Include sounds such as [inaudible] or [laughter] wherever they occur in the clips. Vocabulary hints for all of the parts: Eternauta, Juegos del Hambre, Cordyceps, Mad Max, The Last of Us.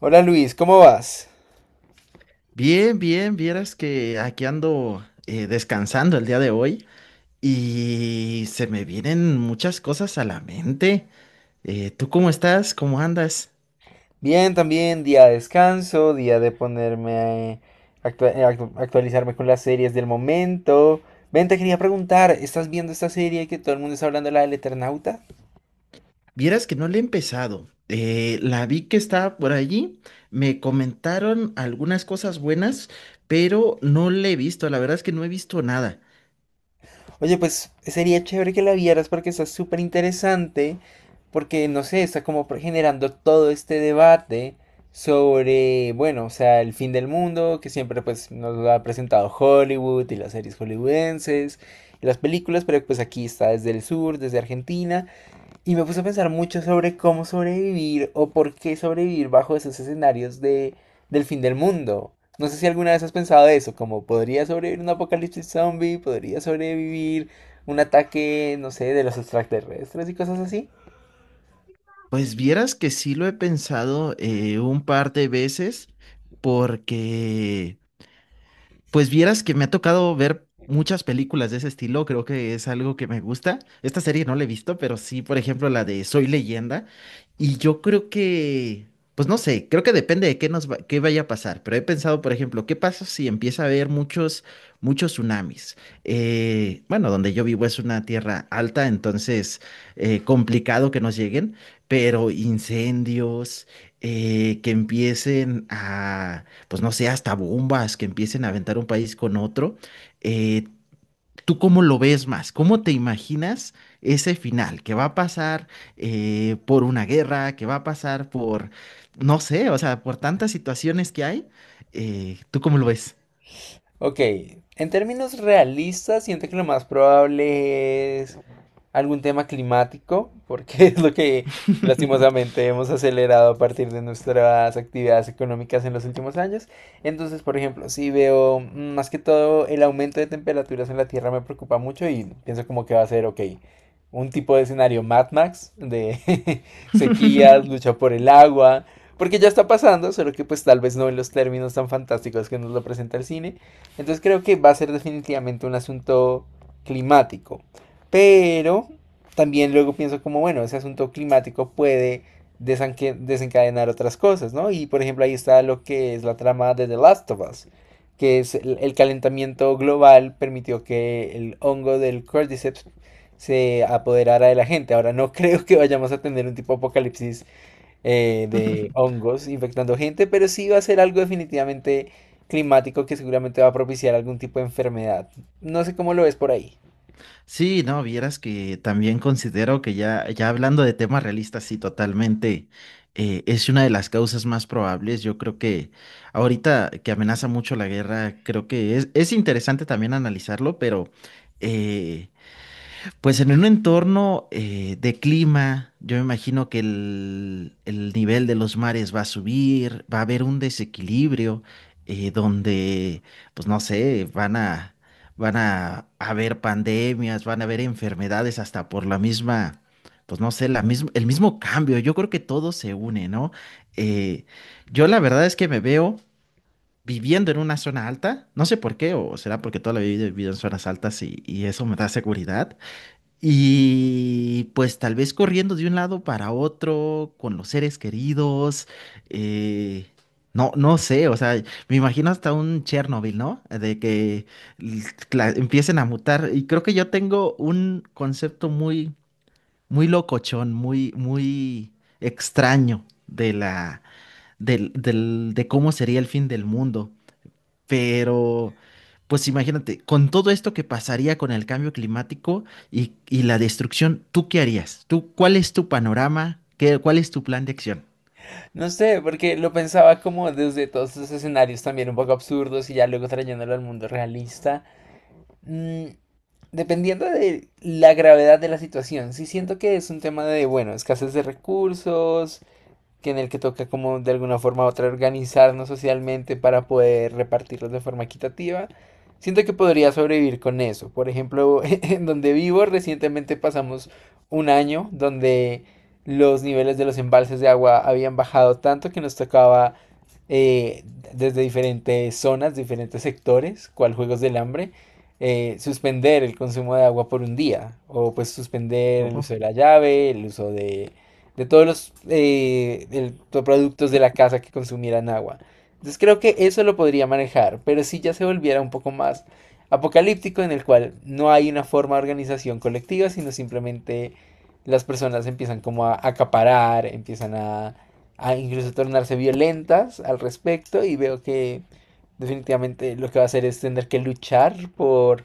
Hola Luis, ¿cómo vas? Bien, bien, vieras que aquí ando descansando el día de hoy y se me vienen muchas cosas a la mente. ¿Tú cómo estás? ¿Cómo andas? Bien, también día de descanso, día de ponerme a actualizarme con las series del momento. Ven, te quería preguntar, ¿estás viendo esta serie que todo el mundo está hablando, la del Eternauta? Vieras que no le he empezado. La vi que estaba por allí, me comentaron algunas cosas buenas, pero no le he visto, la verdad es que no he visto nada. Oye, pues sería chévere que la vieras porque está súper interesante, porque no sé, está como generando todo este debate sobre, bueno, o sea, el fin del mundo, que siempre pues nos lo ha presentado Hollywood y las series hollywoodenses y las películas, pero pues aquí está desde el sur, desde Argentina. Y me puse a pensar mucho sobre cómo sobrevivir o por qué sobrevivir bajo esos escenarios del fin del mundo. No sé si alguna vez has pensado eso, como podría sobrevivir un apocalipsis zombie, podría sobrevivir un ataque, no sé, de los extraterrestres y cosas así. Pues vieras que sí lo he pensado un par de veces porque... Pues vieras que me ha tocado ver muchas películas de ese estilo, creo que es algo que me gusta. Esta serie no la he visto, pero sí, por ejemplo, la de Soy Leyenda. Y yo creo que, pues no sé, creo que depende de qué vaya a pasar. Pero he pensado, por ejemplo, ¿qué pasa si empieza a haber muchos tsunamis? Bueno, donde yo vivo es una tierra alta, entonces complicado que nos lleguen, pero incendios, que empiecen a pues no sé, hasta bombas que empiecen a aventar un país con otro. eh, ¿Tú cómo lo ves más? ¿Cómo te imaginas ese final? ¿Que va a pasar por una guerra? ¿Que va a pasar por, no sé, o sea, por tantas situaciones que hay? ¿Tú cómo lo ves? Ok, en términos realistas, siento que lo más probable es algún tema climático, porque [laughs] es lo que lastimosamente hemos acelerado a partir de nuestras actividades económicas en los últimos años. Entonces, por ejemplo, si veo más que todo el aumento de temperaturas en la Tierra me preocupa mucho y pienso como que va a ser, ok, un tipo de escenario Mad Max, de [laughs] [laughs] sequías, lucha por el agua. Porque ya está pasando, solo que pues tal vez no en los términos tan fantásticos que nos lo presenta el cine. Entonces creo que va a ser definitivamente un asunto climático. Pero también luego pienso como, bueno, ese asunto climático puede desencadenar otras cosas, ¿no? Y por ejemplo ahí está lo que es la trama de The Last of Us, que es el calentamiento global permitió que el hongo del Cordyceps se apoderara de la gente. Ahora no [laughs] creo que vayamos a tener un tipo de apocalipsis de hongos infectando gente, pero sí va a ser algo definitivamente climático que seguramente va a propiciar algún tipo de enfermedad. No sé cómo lo ves por ahí. Sí, no, vieras que también considero que ya hablando de temas realistas, sí, totalmente, es una de las causas más probables. Yo creo que ahorita que amenaza mucho la guerra, creo que es interesante también analizarlo, pero eh, pues en un entorno de clima, yo me imagino que el nivel de los mares va a subir, va a haber un desequilibrio donde, pues no sé, van a haber pandemias, van a haber enfermedades hasta por la misma, pues no sé, el mismo cambio. Yo creo que todo se une, ¿no? Eh, yo la verdad es que me veo viviendo en una zona alta, no sé por qué, o será porque toda la vida he vivido en zonas altas y eso me da seguridad y pues tal vez corriendo de un lado para otro, con los seres queridos, eh, no sé, o sea, me imagino hasta un Chernobyl, ¿no? De que l- empiecen a mutar. Y creo que yo tengo un concepto muy locochón, muy extraño de de cómo sería el fin del mundo. Pero, pues imagínate, con todo esto que pasaría con el cambio climático y la destrucción, ¿tú qué harías? ¿Tú, cuál es tu panorama? ¿Qué, cuál es tu plan de acción? No sé, porque lo pensaba como desde todos estos escenarios también un poco absurdos y ya luego trayéndolo al mundo realista. Mm, Dependiendo de la gravedad de la situación, sí siento que es un tema de, bueno, escasez de recursos, que en el que toca como de alguna forma u otra organizarnos socialmente para poder repartirlos de forma equitativa. Siento que podría sobrevivir con eso. Por ejemplo, [laughs] en donde vivo recientemente pasamos un año donde los niveles de los embalses de agua habían bajado tanto que nos tocaba eh, desde diferentes zonas, diferentes sectores, cual Juegos del Hambre, suspender el consumo de agua por un día o pues suspender el Ojo. uso de la llave, el uso de todos los los productos de la casa que consumieran agua. Entonces creo que eso lo podría manejar, pero si ya se volviera un poco más apocalíptico en el cual no hay una forma de organización colectiva, sino simplemente las personas empiezan como a acaparar, empiezan a incluso tornarse violentas al respecto y veo que definitivamente lo que va a hacer es tener que luchar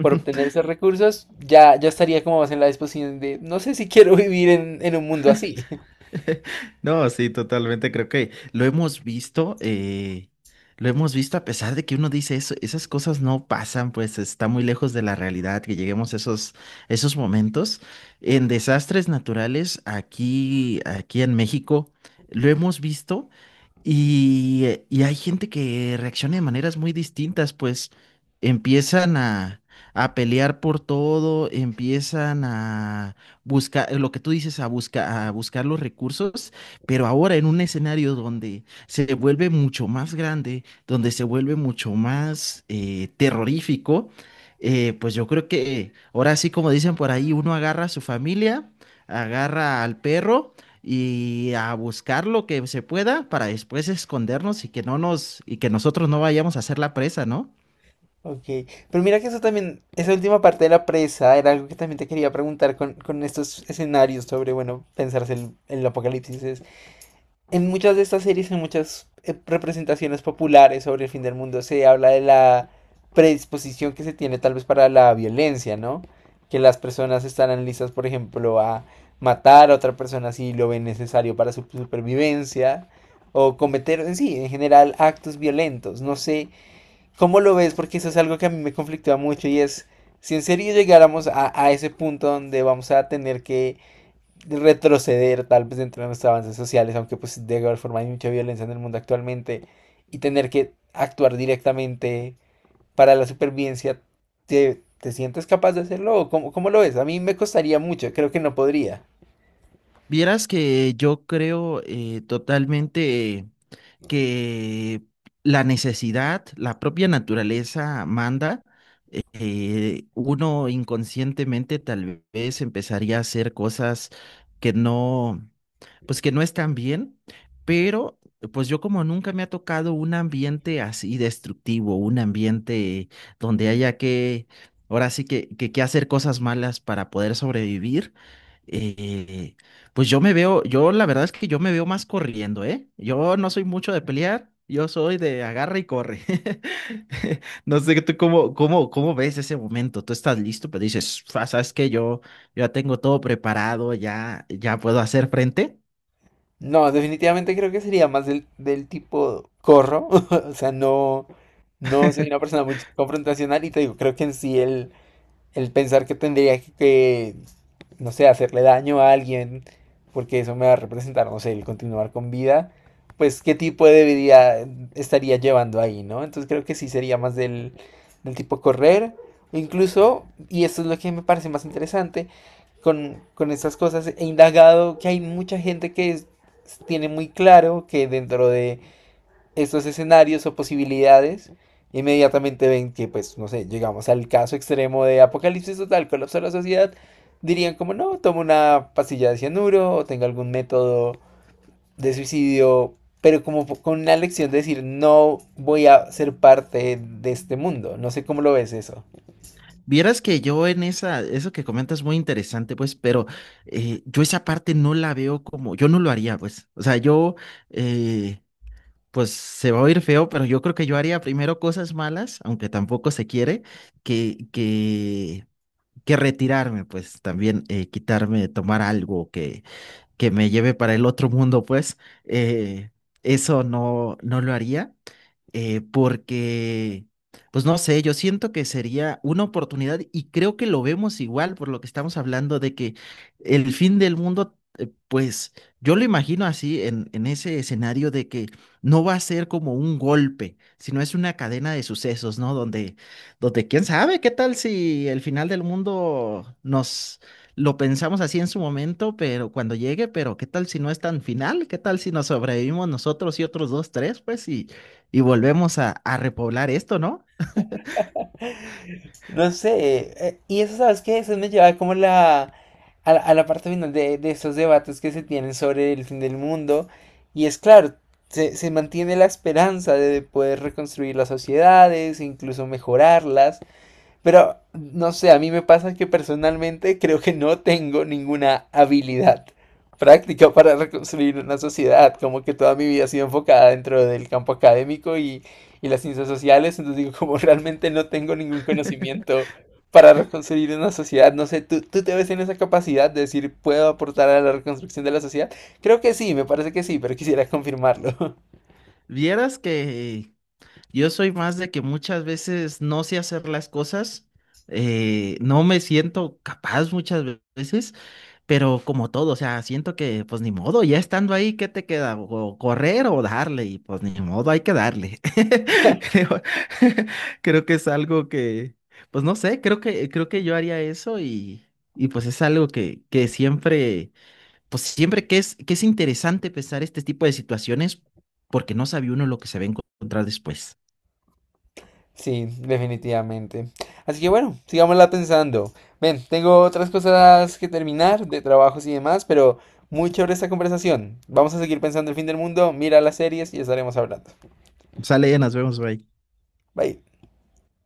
por obtener esos recursos, ya estaría como más en la disposición de, no sé si quiero [laughs] vivir en un mundo así. No, sí, totalmente. Creo que lo hemos visto a pesar de que uno dice eso, esas cosas no pasan, pues está muy lejos de la realidad que lleguemos a esos momentos. En desastres naturales, aquí en México, lo hemos visto. Y hay gente que reacciona de maneras muy distintas, pues empiezan a pelear por todo, empiezan a buscar, lo que tú dices, a, a buscar los recursos, pero ahora en un escenario donde se vuelve mucho más grande, donde se vuelve mucho más terrorífico, pues yo creo que ahora sí, como dicen por ahí, uno agarra a su familia, agarra al perro y a buscar lo que se pueda para después escondernos y que no nos y que nosotros no vayamos a ser la presa, ¿no? Ok, pero mira que eso también, esa última parte de la presa era algo que también te quería preguntar con estos escenarios sobre, bueno, pensarse el apocalipsis. En muchas de estas series, en muchas representaciones populares sobre el fin del mundo, se habla de la predisposición que se tiene tal vez para la violencia, ¿no? Que las personas estarán listas, por ejemplo, a matar a otra persona si lo ven necesario para su supervivencia, o cometer en sí, en general, actos violentos. No sé. ¿Cómo lo ves? Porque eso es algo que a mí me conflictúa mucho y es, si en serio llegáramos a ese punto donde vamos a tener que retroceder tal vez dentro de nuestros avances sociales, aunque pues de alguna forma hay mucha violencia en el mundo actualmente, y tener que actuar directamente para la supervivencia, te sientes capaz de hacerlo? ¿O cómo, cómo lo ves? A mí me costaría mucho, creo que no podría. Vieras que yo creo totalmente que la necesidad, la propia naturaleza manda. Uno inconscientemente tal vez empezaría a hacer cosas que no pues que no están bien, pero pues yo como nunca me ha tocado un ambiente así destructivo, un ambiente donde haya que, ahora sí que hacer cosas malas para poder sobrevivir, eh, pues yo me veo, yo la verdad es que yo me veo más corriendo, ¿eh? Yo no soy mucho de pelear. Yo soy de agarra y corre. [laughs] No sé tú cómo ves ese momento. Tú estás listo, pero dices, "Fa, ¿sabes que yo ya tengo todo preparado, ya, ya puedo hacer frente. No, definitivamente creo que sería más del tipo corro. [laughs] O sea, no, no soy una persona muy confrontacional y te digo, creo que en sí el pensar que tendría no sé, hacerle daño a alguien, porque eso me va a representar, no sé, el continuar con vida, pues qué tipo de vida estaría llevando ahí, ¿no? Entonces creo que sí sería más del tipo correr, o incluso, y esto es lo que me parece más interesante, con estas cosas he indagado que hay mucha gente que tiene muy claro que dentro de estos escenarios o posibilidades, inmediatamente ven que, pues, no sé, llegamos al caso extremo de apocalipsis total, colapso de la sociedad, dirían como, no, toma una pastilla de cianuro o tenga algún método de suicidio, pero como con una lección de decir, no voy a ser parte de este mundo. No sé cómo lo ves eso. Vieras que yo en esa, eso que comentas es muy interesante, pues, pero yo esa parte no la veo como, yo no lo haría, pues, o sea, yo, eh, pues se va a oír feo, pero yo creo que yo haría primero cosas malas, aunque tampoco se quiere, que, que, que retirarme, pues, también quitarme, tomar algo que me lleve para el otro mundo, pues, eh, eso no lo haría porque, pues no sé, yo siento que sería una oportunidad y creo que lo vemos igual por lo que estamos hablando de que el fin del mundo, pues yo lo imagino así en ese escenario de que no va a ser como un golpe, sino es una cadena de sucesos, ¿no? Donde quién sabe qué tal si el final del mundo nos... Lo pensamos así en su momento, pero cuando llegue, pero ¿qué tal si no es tan final? ¿Qué tal si nos sobrevivimos nosotros y otros dos, tres? Pues y volvemos a repoblar esto, ¿no? No sé, y eso, ¿sabes qué? Eso me lleva como la, a, la a la parte final de estos debates que se tienen sobre el fin del mundo. Y es claro, se mantiene la esperanza de poder reconstruir las sociedades, incluso mejorarlas, pero no sé, a mí me pasa que personalmente creo que no tengo ninguna habilidad práctica para reconstruir una sociedad, como que toda mi vida ha sido enfocada dentro del campo académico y las ciencias sociales, entonces digo, [laughs] como realmente no tengo ningún conocimiento para reconstruir una sociedad, no sé, tú te ves en esa capacidad de decir, puedo aportar a la reconstrucción de la sociedad? Creo que sí, me parece que sí, pero quisiera confirmarlo. Vieras que yo soy más de que muchas veces no sé hacer las cosas, no me siento capaz muchas veces, pero como todo, o sea, siento que pues ni modo, ya estando ahí, ¿qué te queda? O correr o darle, y pues ni modo, hay que darle. [laughs] [laughs] Creo, [laughs] creo que es algo que, pues no sé, creo que yo haría eso y pues es algo que siempre pues siempre que que es interesante pensar este tipo de situaciones porque no sabe uno lo que se va a encontrar después. Sí, definitivamente. Así que bueno, sigámosla pensando. Ven, tengo otras cosas que terminar, de trabajos y demás, pero muy chévere esta conversación. Vamos a seguir pensando el fin del mundo, mira las series y estaremos hablando. Sale, ya nos vemos, bye. Bye.